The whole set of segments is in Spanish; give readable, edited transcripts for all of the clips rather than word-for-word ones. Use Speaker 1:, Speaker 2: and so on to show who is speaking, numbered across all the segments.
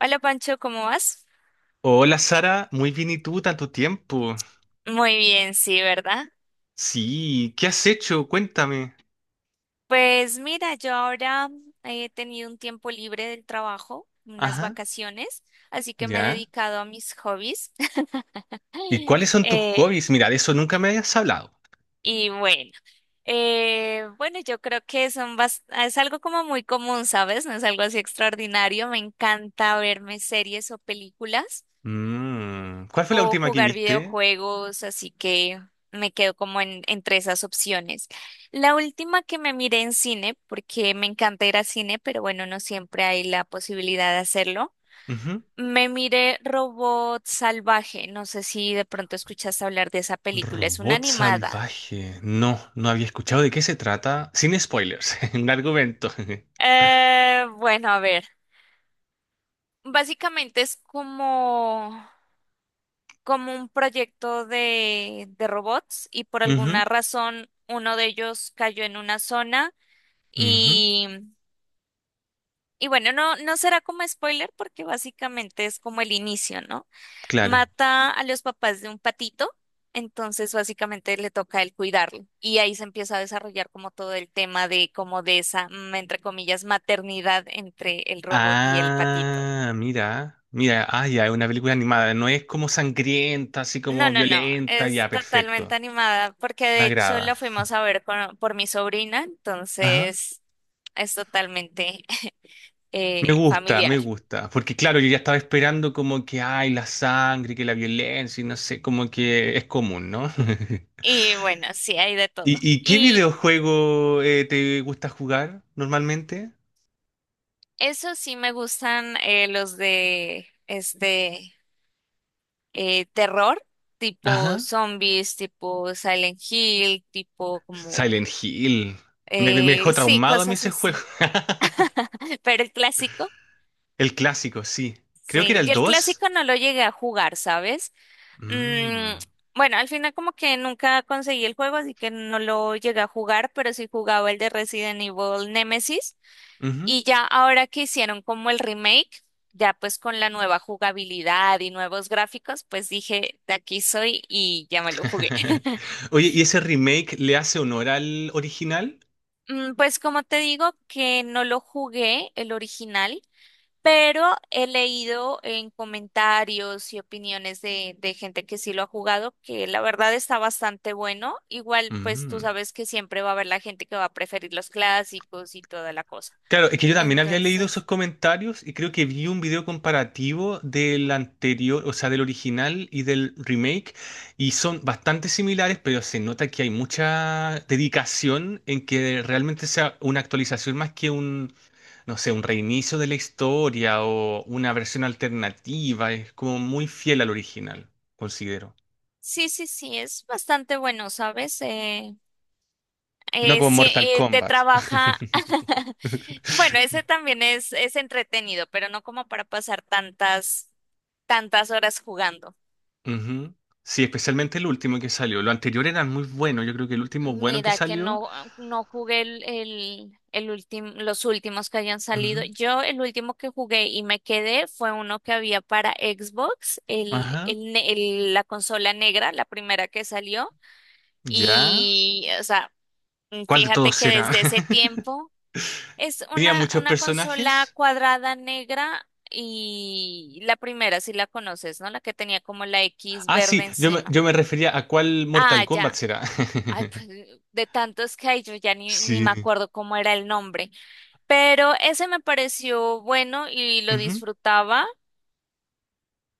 Speaker 1: Hola Pancho, ¿cómo vas?
Speaker 2: Hola Sara, muy bien y tú, tanto tiempo.
Speaker 1: Muy bien, sí, ¿verdad?
Speaker 2: Sí, ¿qué has hecho? Cuéntame.
Speaker 1: Pues mira, yo ahora he tenido un tiempo libre del trabajo, unas
Speaker 2: Ajá,
Speaker 1: vacaciones, así que me he
Speaker 2: ya.
Speaker 1: dedicado a mis hobbies.
Speaker 2: ¿Y cuáles son tus
Speaker 1: Eh,
Speaker 2: hobbies? Mira, de eso nunca me habías hablado.
Speaker 1: y bueno, bueno, yo creo que es algo como muy común, ¿sabes? No es algo así extraordinario. Me encanta verme series o películas,
Speaker 2: Mm, ¿cuál fue la
Speaker 1: o
Speaker 2: última que
Speaker 1: jugar
Speaker 2: viste?
Speaker 1: videojuegos, así que me quedo como en, entre esas opciones. La última que me miré en cine, porque me encanta ir a cine, pero bueno, no siempre hay la posibilidad de hacerlo.
Speaker 2: Ujú.
Speaker 1: Me miré Robot Salvaje, no sé si de pronto escuchaste hablar de esa película, es una
Speaker 2: Robot
Speaker 1: animada.
Speaker 2: salvaje. No, no había escuchado de qué se trata. Sin spoilers, un argumento.
Speaker 1: Bueno, a ver, básicamente es como, como un proyecto de robots y por
Speaker 2: Ujú,
Speaker 1: alguna razón uno de ellos cayó en una zona.
Speaker 2: ujú,
Speaker 1: Y, y bueno, no, no será como spoiler porque básicamente es como el inicio, ¿no?
Speaker 2: claro.
Speaker 1: Mata a los papás de un patito, entonces básicamente le toca a él cuidarlo. Y ahí se empieza a desarrollar como todo el tema de como de esa, mm, entre comillas, maternidad entre el robot y el patito.
Speaker 2: Ah, mira, mira, ah, ya, es una película animada. No es como sangrienta, así
Speaker 1: No,
Speaker 2: como
Speaker 1: no, no,
Speaker 2: violenta,
Speaker 1: es
Speaker 2: ya,
Speaker 1: totalmente
Speaker 2: perfecto.
Speaker 1: animada porque
Speaker 2: Me
Speaker 1: de hecho
Speaker 2: agrada.
Speaker 1: la fuimos a ver por mi sobrina,
Speaker 2: Ajá.
Speaker 1: entonces es totalmente
Speaker 2: Me gusta, me
Speaker 1: familiar.
Speaker 2: gusta. Porque claro, yo ya estaba esperando como que hay la sangre, que la violencia, y no sé, como que es común, ¿no?
Speaker 1: Y bueno, sí, hay de
Speaker 2: ¿Y,
Speaker 1: todo.
Speaker 2: qué
Speaker 1: Y
Speaker 2: videojuego te gusta jugar normalmente?
Speaker 1: eso sí me gustan los de terror, tipo
Speaker 2: Ajá.
Speaker 1: zombies, tipo Silent Hill, tipo como
Speaker 2: Silent Hill. Me dejó
Speaker 1: sí,
Speaker 2: traumado a mí
Speaker 1: cosas
Speaker 2: ese juego.
Speaker 1: así. Pero el clásico,
Speaker 2: El clásico, sí. Creo que era
Speaker 1: sí.
Speaker 2: el
Speaker 1: Yo el
Speaker 2: dos.
Speaker 1: clásico no lo llegué a jugar, ¿sabes? Mm,
Speaker 2: Mm.
Speaker 1: bueno, al final como que nunca conseguí el juego, así que no lo llegué a jugar, pero sí jugaba el de Resident Evil Nemesis.
Speaker 2: Ujú.
Speaker 1: Y ya ahora que hicieron como el remake, ya pues con la nueva jugabilidad y nuevos gráficos, pues dije, de aquí soy y ya me lo jugué.
Speaker 2: Oye, ¿y ese remake le hace honor al original?
Speaker 1: Mm, pues como te digo que no lo jugué el original, pero he leído en comentarios y opiniones de gente que sí lo ha jugado, que la verdad está bastante bueno. Igual, pues tú
Speaker 2: Mm.
Speaker 1: sabes que siempre va a haber la gente que va a preferir los clásicos y toda la cosa.
Speaker 2: Claro, es que yo también había leído esos
Speaker 1: Entonces...
Speaker 2: comentarios y creo que vi un video comparativo del anterior, o sea, del original y del remake, y son bastante similares, pero se nota que hay mucha dedicación en que realmente sea una actualización más que un, no sé, un reinicio de la historia o una versión alternativa. Es como muy fiel al original, considero.
Speaker 1: sí, sí, sí, es bastante bueno, ¿sabes?
Speaker 2: No como
Speaker 1: Sí,
Speaker 2: Mortal
Speaker 1: te
Speaker 2: Kombat.
Speaker 1: trabaja. Bueno, ese también es entretenido, pero no como para pasar tantas, tantas horas jugando.
Speaker 2: Ujú. Sí, especialmente el último que salió. Lo anterior eran muy buenos. Yo creo que el último bueno que
Speaker 1: Mira que
Speaker 2: salió.
Speaker 1: no, no jugué el último, los últimos que hayan salido.
Speaker 2: Ujú.
Speaker 1: Yo el último que jugué y me quedé fue uno que había para Xbox,
Speaker 2: Ajá.
Speaker 1: la consola negra, la primera que salió.
Speaker 2: ¿Ya?
Speaker 1: Y, o sea, mm,
Speaker 2: ¿Cuál de
Speaker 1: fíjate
Speaker 2: todos
Speaker 1: que
Speaker 2: era?
Speaker 1: desde ese tiempo es
Speaker 2: ¿Tenía muchos
Speaker 1: una consola
Speaker 2: personajes?
Speaker 1: cuadrada negra y la primera, si la conoces, ¿no? La que tenía como la X
Speaker 2: Ah,
Speaker 1: verde
Speaker 2: sí,
Speaker 1: encima.
Speaker 2: yo me refería a cuál Mortal
Speaker 1: Ah,
Speaker 2: Kombat
Speaker 1: ya.
Speaker 2: será.
Speaker 1: Ay, pues de tantos que hay, yo ya ni, ni me
Speaker 2: Sí.
Speaker 1: acuerdo cómo era el nombre. Pero ese me pareció bueno y lo
Speaker 2: Ujú.
Speaker 1: disfrutaba,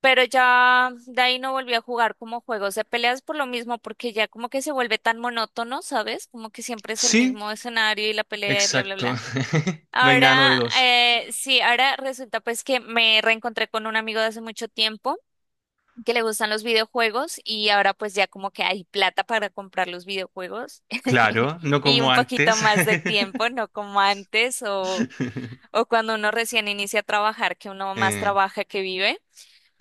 Speaker 1: pero ya de ahí no volví a jugar como juegos de peleas por lo mismo, porque ya como que se vuelve tan monótono, ¿sabes? Como que siempre es el
Speaker 2: Sí,
Speaker 1: mismo escenario y la pelea y bla, bla,
Speaker 2: exacto.
Speaker 1: bla.
Speaker 2: No hay nada
Speaker 1: Ahora,
Speaker 2: novedoso.
Speaker 1: sí, ahora resulta pues que me reencontré con un amigo de hace mucho tiempo que le gustan los videojuegos y ahora pues ya como que hay plata para comprar los videojuegos
Speaker 2: Claro, no
Speaker 1: y
Speaker 2: como
Speaker 1: un poquito
Speaker 2: antes.
Speaker 1: más de tiempo, no como antes o cuando uno recién inicia a trabajar, que uno más
Speaker 2: Eh,
Speaker 1: trabaja que vive.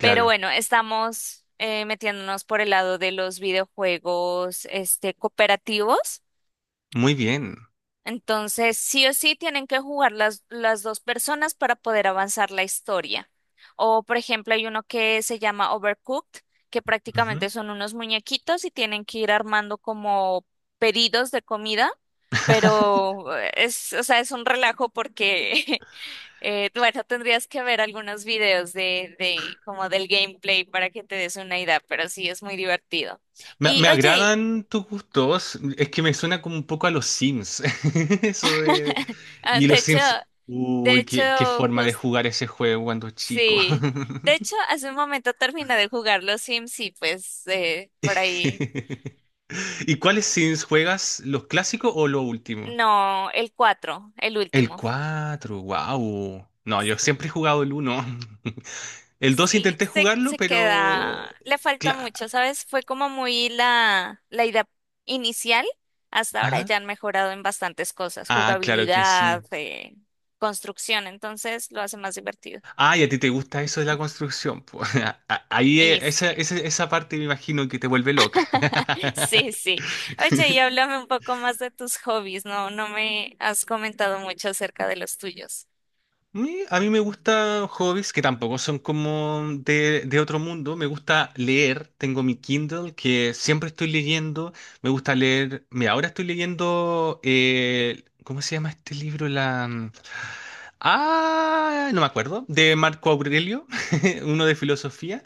Speaker 1: Pero bueno, estamos metiéndonos por el lado de los videojuegos este, cooperativos.
Speaker 2: Muy bien.
Speaker 1: Entonces, sí o sí tienen que jugar las dos personas para poder avanzar la historia. O, por ejemplo, hay uno que se llama Overcooked, que
Speaker 2: Ujú.
Speaker 1: prácticamente son unos muñequitos y tienen que ir armando como pedidos de comida, pero o sea, es un relajo porque, bueno, tendrías que ver algunos videos como del gameplay para que te des una idea, pero sí es muy divertido.
Speaker 2: Me,
Speaker 1: Y
Speaker 2: me
Speaker 1: oye,
Speaker 2: agradan tus gustos, es que me suena como un poco a los Sims. Eso de...
Speaker 1: ah,
Speaker 2: Y
Speaker 1: de
Speaker 2: los
Speaker 1: hecho,
Speaker 2: Sims,
Speaker 1: de
Speaker 2: uy, qué, qué
Speaker 1: hecho,
Speaker 2: forma de
Speaker 1: justo
Speaker 2: jugar ese juego cuando chico.
Speaker 1: sí. De hecho, hace un momento terminé de jugar los Sims y pues por ahí.
Speaker 2: ¿Y cuáles Sims juegas? ¿Los clásicos o los últimos?
Speaker 1: No, el 4, el
Speaker 2: El
Speaker 1: último.
Speaker 2: cuatro, wow. No, yo siempre he
Speaker 1: Sí.
Speaker 2: jugado el uno. El 2
Speaker 1: Sí,
Speaker 2: intenté jugarlo,
Speaker 1: se queda.
Speaker 2: pero...
Speaker 1: Le falta
Speaker 2: cla-
Speaker 1: mucho, ¿sabes? Fue como muy la idea inicial. Hasta ahora
Speaker 2: Ajá.
Speaker 1: ya han mejorado en bastantes cosas.
Speaker 2: Ah, claro que
Speaker 1: Jugabilidad,
Speaker 2: sí.
Speaker 1: construcción, entonces lo hace más divertido.
Speaker 2: Ah, y a ti te gusta eso de la construcción. Po. Ahí
Speaker 1: Y sí,
Speaker 2: esa, esa parte me imagino que te vuelve loca.
Speaker 1: sí, sí. Oye, y háblame un poco más de tus hobbies, ¿no? No me has comentado mucho acerca de los tuyos.
Speaker 2: A mí me gustan hobbies que tampoco son como de otro mundo. Me gusta leer. Tengo mi Kindle que siempre estoy leyendo. Me gusta leer. Mira, ahora estoy leyendo. ¿Cómo se llama este libro? La... ah, no me acuerdo. De Marco Aurelio, uno de filosofía.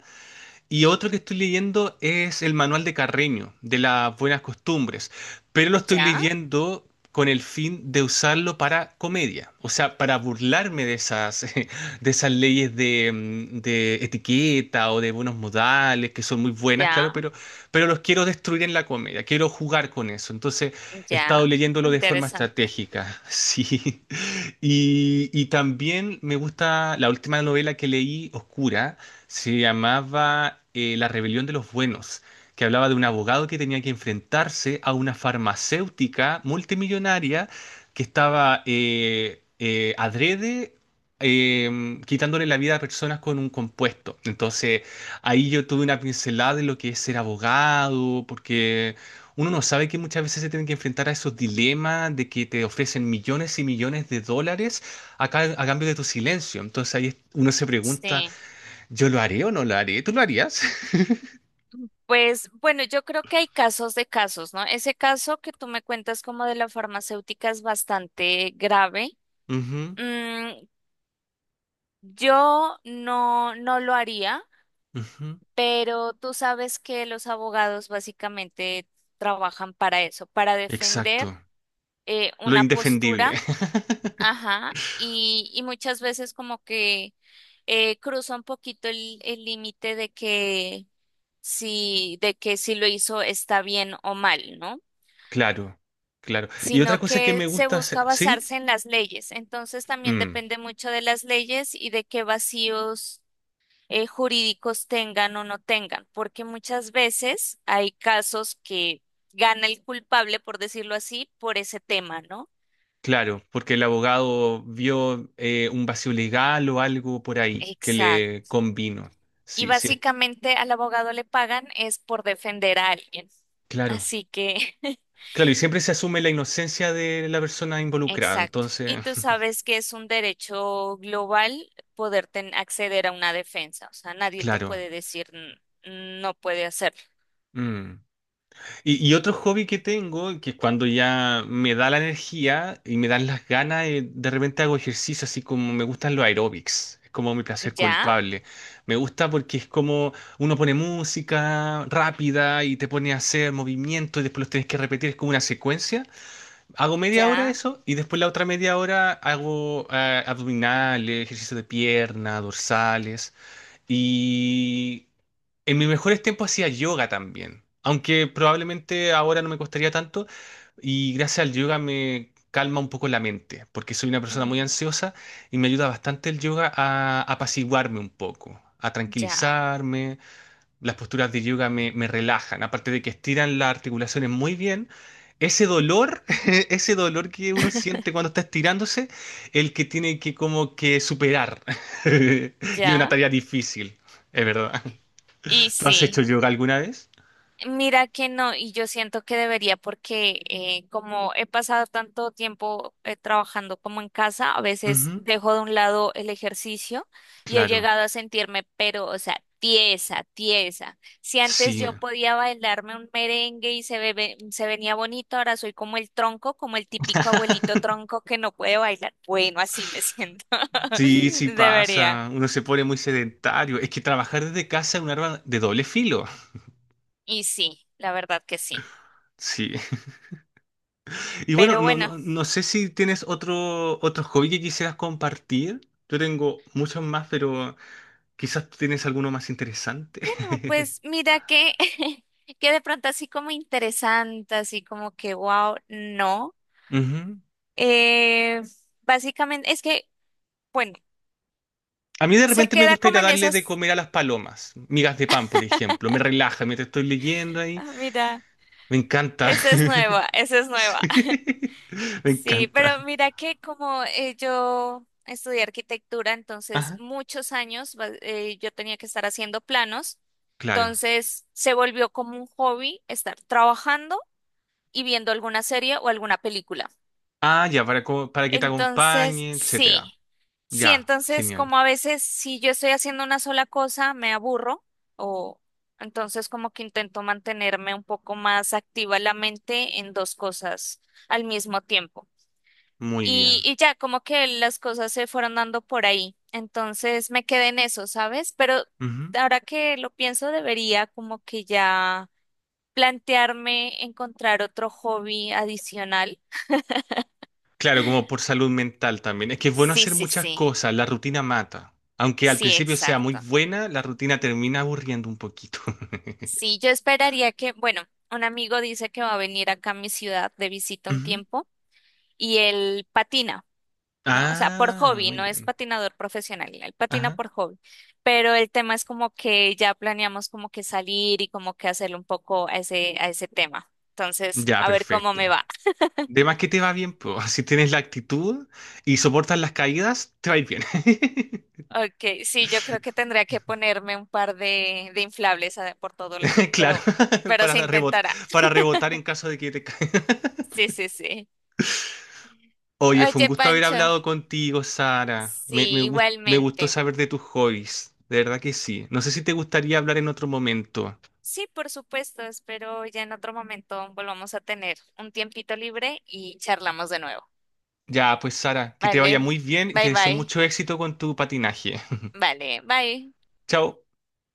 Speaker 2: Y otro que estoy leyendo es el Manual de Carreño, de las buenas costumbres, pero lo estoy
Speaker 1: Ya,
Speaker 2: leyendo con el fin de usarlo para comedia, o sea, para burlarme de esas, de esas leyes de, de etiqueta o de buenos modales, que son muy buenas, claro,
Speaker 1: ya,
Speaker 2: pero los quiero destruir en la comedia, quiero jugar con eso. Entonces, he estado
Speaker 1: ya.
Speaker 2: leyéndolo de forma
Speaker 1: Interesante.
Speaker 2: estratégica, sí. Y, también me gusta la última novela que leí, Oscura se llamaba La Rebelión de los Buenos, que hablaba de un abogado que tenía que enfrentarse a una farmacéutica multimillonaria que estaba adrede quitándole la vida a personas con un compuesto. Entonces, ahí yo tuve una pincelada de lo que es ser abogado, porque uno no sabe que muchas veces se tienen que enfrentar a esos dilemas de que te ofrecen millones y millones de dólares a, a cambio de tu silencio. Entonces ahí uno se pregunta,
Speaker 1: Sí.
Speaker 2: ¿yo lo haré o no lo haré? ¿Tú lo harías?
Speaker 1: Pues bueno, yo creo que hay casos de casos, ¿no? Ese caso que tú me cuentas como de la farmacéutica es bastante grave.
Speaker 2: Ujú,
Speaker 1: Mm, yo no, no lo haría,
Speaker 2: ujú.
Speaker 1: pero tú sabes que los abogados básicamente trabajan para eso, para
Speaker 2: Exacto.
Speaker 1: defender
Speaker 2: Lo
Speaker 1: una postura.
Speaker 2: indefendible.
Speaker 1: Ajá, y muchas veces como que cruza un poquito el límite de que si lo hizo está bien o mal, ¿no?
Speaker 2: Claro, claro. Y otra
Speaker 1: Sino
Speaker 2: cosa que me
Speaker 1: que se
Speaker 2: gusta
Speaker 1: busca
Speaker 2: hacer, ¿sí?
Speaker 1: basarse en las leyes. Entonces también
Speaker 2: Mm,
Speaker 1: depende mucho de las leyes y de qué vacíos jurídicos tengan o no tengan, porque muchas veces hay casos que gana el culpable, por decirlo así, por ese tema, ¿no?
Speaker 2: claro, porque el abogado vio un vacío legal o algo por ahí que
Speaker 1: Exacto.
Speaker 2: le convino.
Speaker 1: Y
Speaker 2: Sí, sí,
Speaker 1: básicamente al abogado le pagan es por defender a alguien.
Speaker 2: claro.
Speaker 1: Así que,
Speaker 2: Claro, y siempre se asume la inocencia de la persona involucrada,
Speaker 1: exacto.
Speaker 2: entonces,
Speaker 1: Y tú sabes que es un derecho global poder acceder a una defensa. O sea, nadie te
Speaker 2: claro.
Speaker 1: puede decir no puede hacerlo".
Speaker 2: Mm. Y, otro hobby que tengo, que cuando ya me da la energía y me dan las ganas, de repente hago ejercicio, así como me gustan los aeróbics. Es como mi placer
Speaker 1: Ya,
Speaker 2: culpable. Me gusta porque es como uno pone música rápida y te pone a hacer movimientos y después los tienes que repetir, es como una secuencia. Hago media hora
Speaker 1: ya,
Speaker 2: eso y después la otra media hora hago abdominales, ejercicio de pierna, dorsales. Y en mis mejores tiempos hacía yoga también, aunque probablemente ahora no me costaría tanto y gracias al yoga me calma un poco la mente, porque soy una persona muy
Speaker 1: mm,
Speaker 2: ansiosa y me ayuda bastante el yoga a apaciguarme un poco, a
Speaker 1: ya,
Speaker 2: tranquilizarme. Las posturas de yoga me relajan, aparte de que estiran las articulaciones muy bien. Ese dolor, ese dolor que uno siente cuando está estirándose, el que tiene que como que superar. Y una
Speaker 1: ya.
Speaker 2: tarea difícil, es verdad.
Speaker 1: Y
Speaker 2: ¿Tú has hecho
Speaker 1: sí.
Speaker 2: yoga alguna vez?
Speaker 1: Mira que no, y yo siento que debería porque como he pasado tanto tiempo trabajando como en casa, a veces
Speaker 2: Ujú,
Speaker 1: dejo de un lado el ejercicio y he
Speaker 2: claro,
Speaker 1: llegado a sentirme, pero, o sea, tiesa, tiesa. Si antes
Speaker 2: sí.
Speaker 1: yo podía bailarme un merengue y se, se venía bonito, ahora soy como el tronco, como el típico abuelito tronco que no puede bailar. Bueno, así me siento.
Speaker 2: Sí, sí
Speaker 1: Debería.
Speaker 2: pasa. Uno se pone muy sedentario. Es que trabajar desde casa es un arma de doble filo.
Speaker 1: Y sí, la verdad que sí.
Speaker 2: Sí. Y bueno,
Speaker 1: Pero
Speaker 2: no,
Speaker 1: bueno.
Speaker 2: no, no sé si tienes otro, otro hobby que quisieras compartir. Yo tengo muchos más, pero quizás tienes alguno más
Speaker 1: No,
Speaker 2: interesante.
Speaker 1: pues mira que, que de pronto así como interesante, así como que wow, no.
Speaker 2: Ujú.
Speaker 1: Eh, básicamente es que, bueno,
Speaker 2: A mí de
Speaker 1: se
Speaker 2: repente me
Speaker 1: queda
Speaker 2: gusta ir
Speaker 1: como
Speaker 2: a
Speaker 1: en
Speaker 2: darle de
Speaker 1: esas,
Speaker 2: comer a las palomas. Migas de pan, por ejemplo. Me relaja mientras estoy leyendo ahí.
Speaker 1: ah, mira,
Speaker 2: Me encanta.
Speaker 1: esa es nueva, esa es
Speaker 2: Sí,
Speaker 1: nueva.
Speaker 2: me
Speaker 1: Sí,
Speaker 2: encanta.
Speaker 1: pero mira que como yo estudié arquitectura, entonces
Speaker 2: Ajá,
Speaker 1: muchos años yo tenía que estar haciendo planos,
Speaker 2: claro.
Speaker 1: entonces se volvió como un hobby estar trabajando y viendo alguna serie o alguna película.
Speaker 2: Ah, ya, para, para que te
Speaker 1: Entonces,
Speaker 2: acompañe, etcétera.
Speaker 1: sí. Sí,
Speaker 2: Ya,
Speaker 1: entonces
Speaker 2: genial.
Speaker 1: como a veces si yo estoy haciendo una sola cosa me aburro o entonces como que intento mantenerme un poco más activa la mente en dos cosas al mismo tiempo.
Speaker 2: Muy bien.
Speaker 1: Y ya como que las cosas se fueron dando por ahí. Entonces me quedé en eso, ¿sabes? Pero
Speaker 2: Ujú.
Speaker 1: ahora que lo pienso debería como que ya plantearme encontrar otro hobby adicional.
Speaker 2: Claro, como por salud mental también. Es que es bueno
Speaker 1: Sí,
Speaker 2: hacer
Speaker 1: sí,
Speaker 2: muchas
Speaker 1: sí.
Speaker 2: cosas, la rutina mata. Aunque al
Speaker 1: Sí,
Speaker 2: principio sea muy
Speaker 1: exacto.
Speaker 2: buena, la rutina termina aburriendo un poquito.
Speaker 1: Sí, yo esperaría que, bueno, un amigo dice que va a venir acá a mi ciudad de visita un
Speaker 2: Ujú.
Speaker 1: tiempo y él patina, ¿no? O sea, por
Speaker 2: Ah,
Speaker 1: hobby,
Speaker 2: muy
Speaker 1: no es
Speaker 2: bien.
Speaker 1: patinador profesional, él patina
Speaker 2: Ajá.
Speaker 1: por hobby. Pero el tema es como que ya planeamos como que salir y como que hacerle un poco a ese tema. Entonces,
Speaker 2: Ya,
Speaker 1: a ver cómo
Speaker 2: perfecto.
Speaker 1: me va.
Speaker 2: De más que te va bien, pues, si tienes la actitud y soportas las caídas, te va a ir bien.
Speaker 1: Ok, sí, yo creo que tendría que ponerme un par de inflables por todo lado,
Speaker 2: Claro,
Speaker 1: pero se
Speaker 2: para,
Speaker 1: intentará.
Speaker 2: para rebotar en caso de que te caiga.
Speaker 1: Sí, sí, sí.
Speaker 2: Oye, fue un
Speaker 1: Oye,
Speaker 2: gusto haber
Speaker 1: Pancho,
Speaker 2: hablado contigo, Sara.
Speaker 1: sí,
Speaker 2: Me gustó
Speaker 1: igualmente.
Speaker 2: saber de tus hobbies. De verdad que sí. No sé si te gustaría hablar en otro momento.
Speaker 1: Sí, por supuesto, espero ya en otro momento volvamos a tener un tiempito libre y charlamos de nuevo.
Speaker 2: Ya, pues Sara, que te vaya
Speaker 1: Vale,
Speaker 2: muy bien y te
Speaker 1: bye
Speaker 2: deseo
Speaker 1: bye.
Speaker 2: mucho éxito con tu patinaje.
Speaker 1: Vale, bye.
Speaker 2: Chao.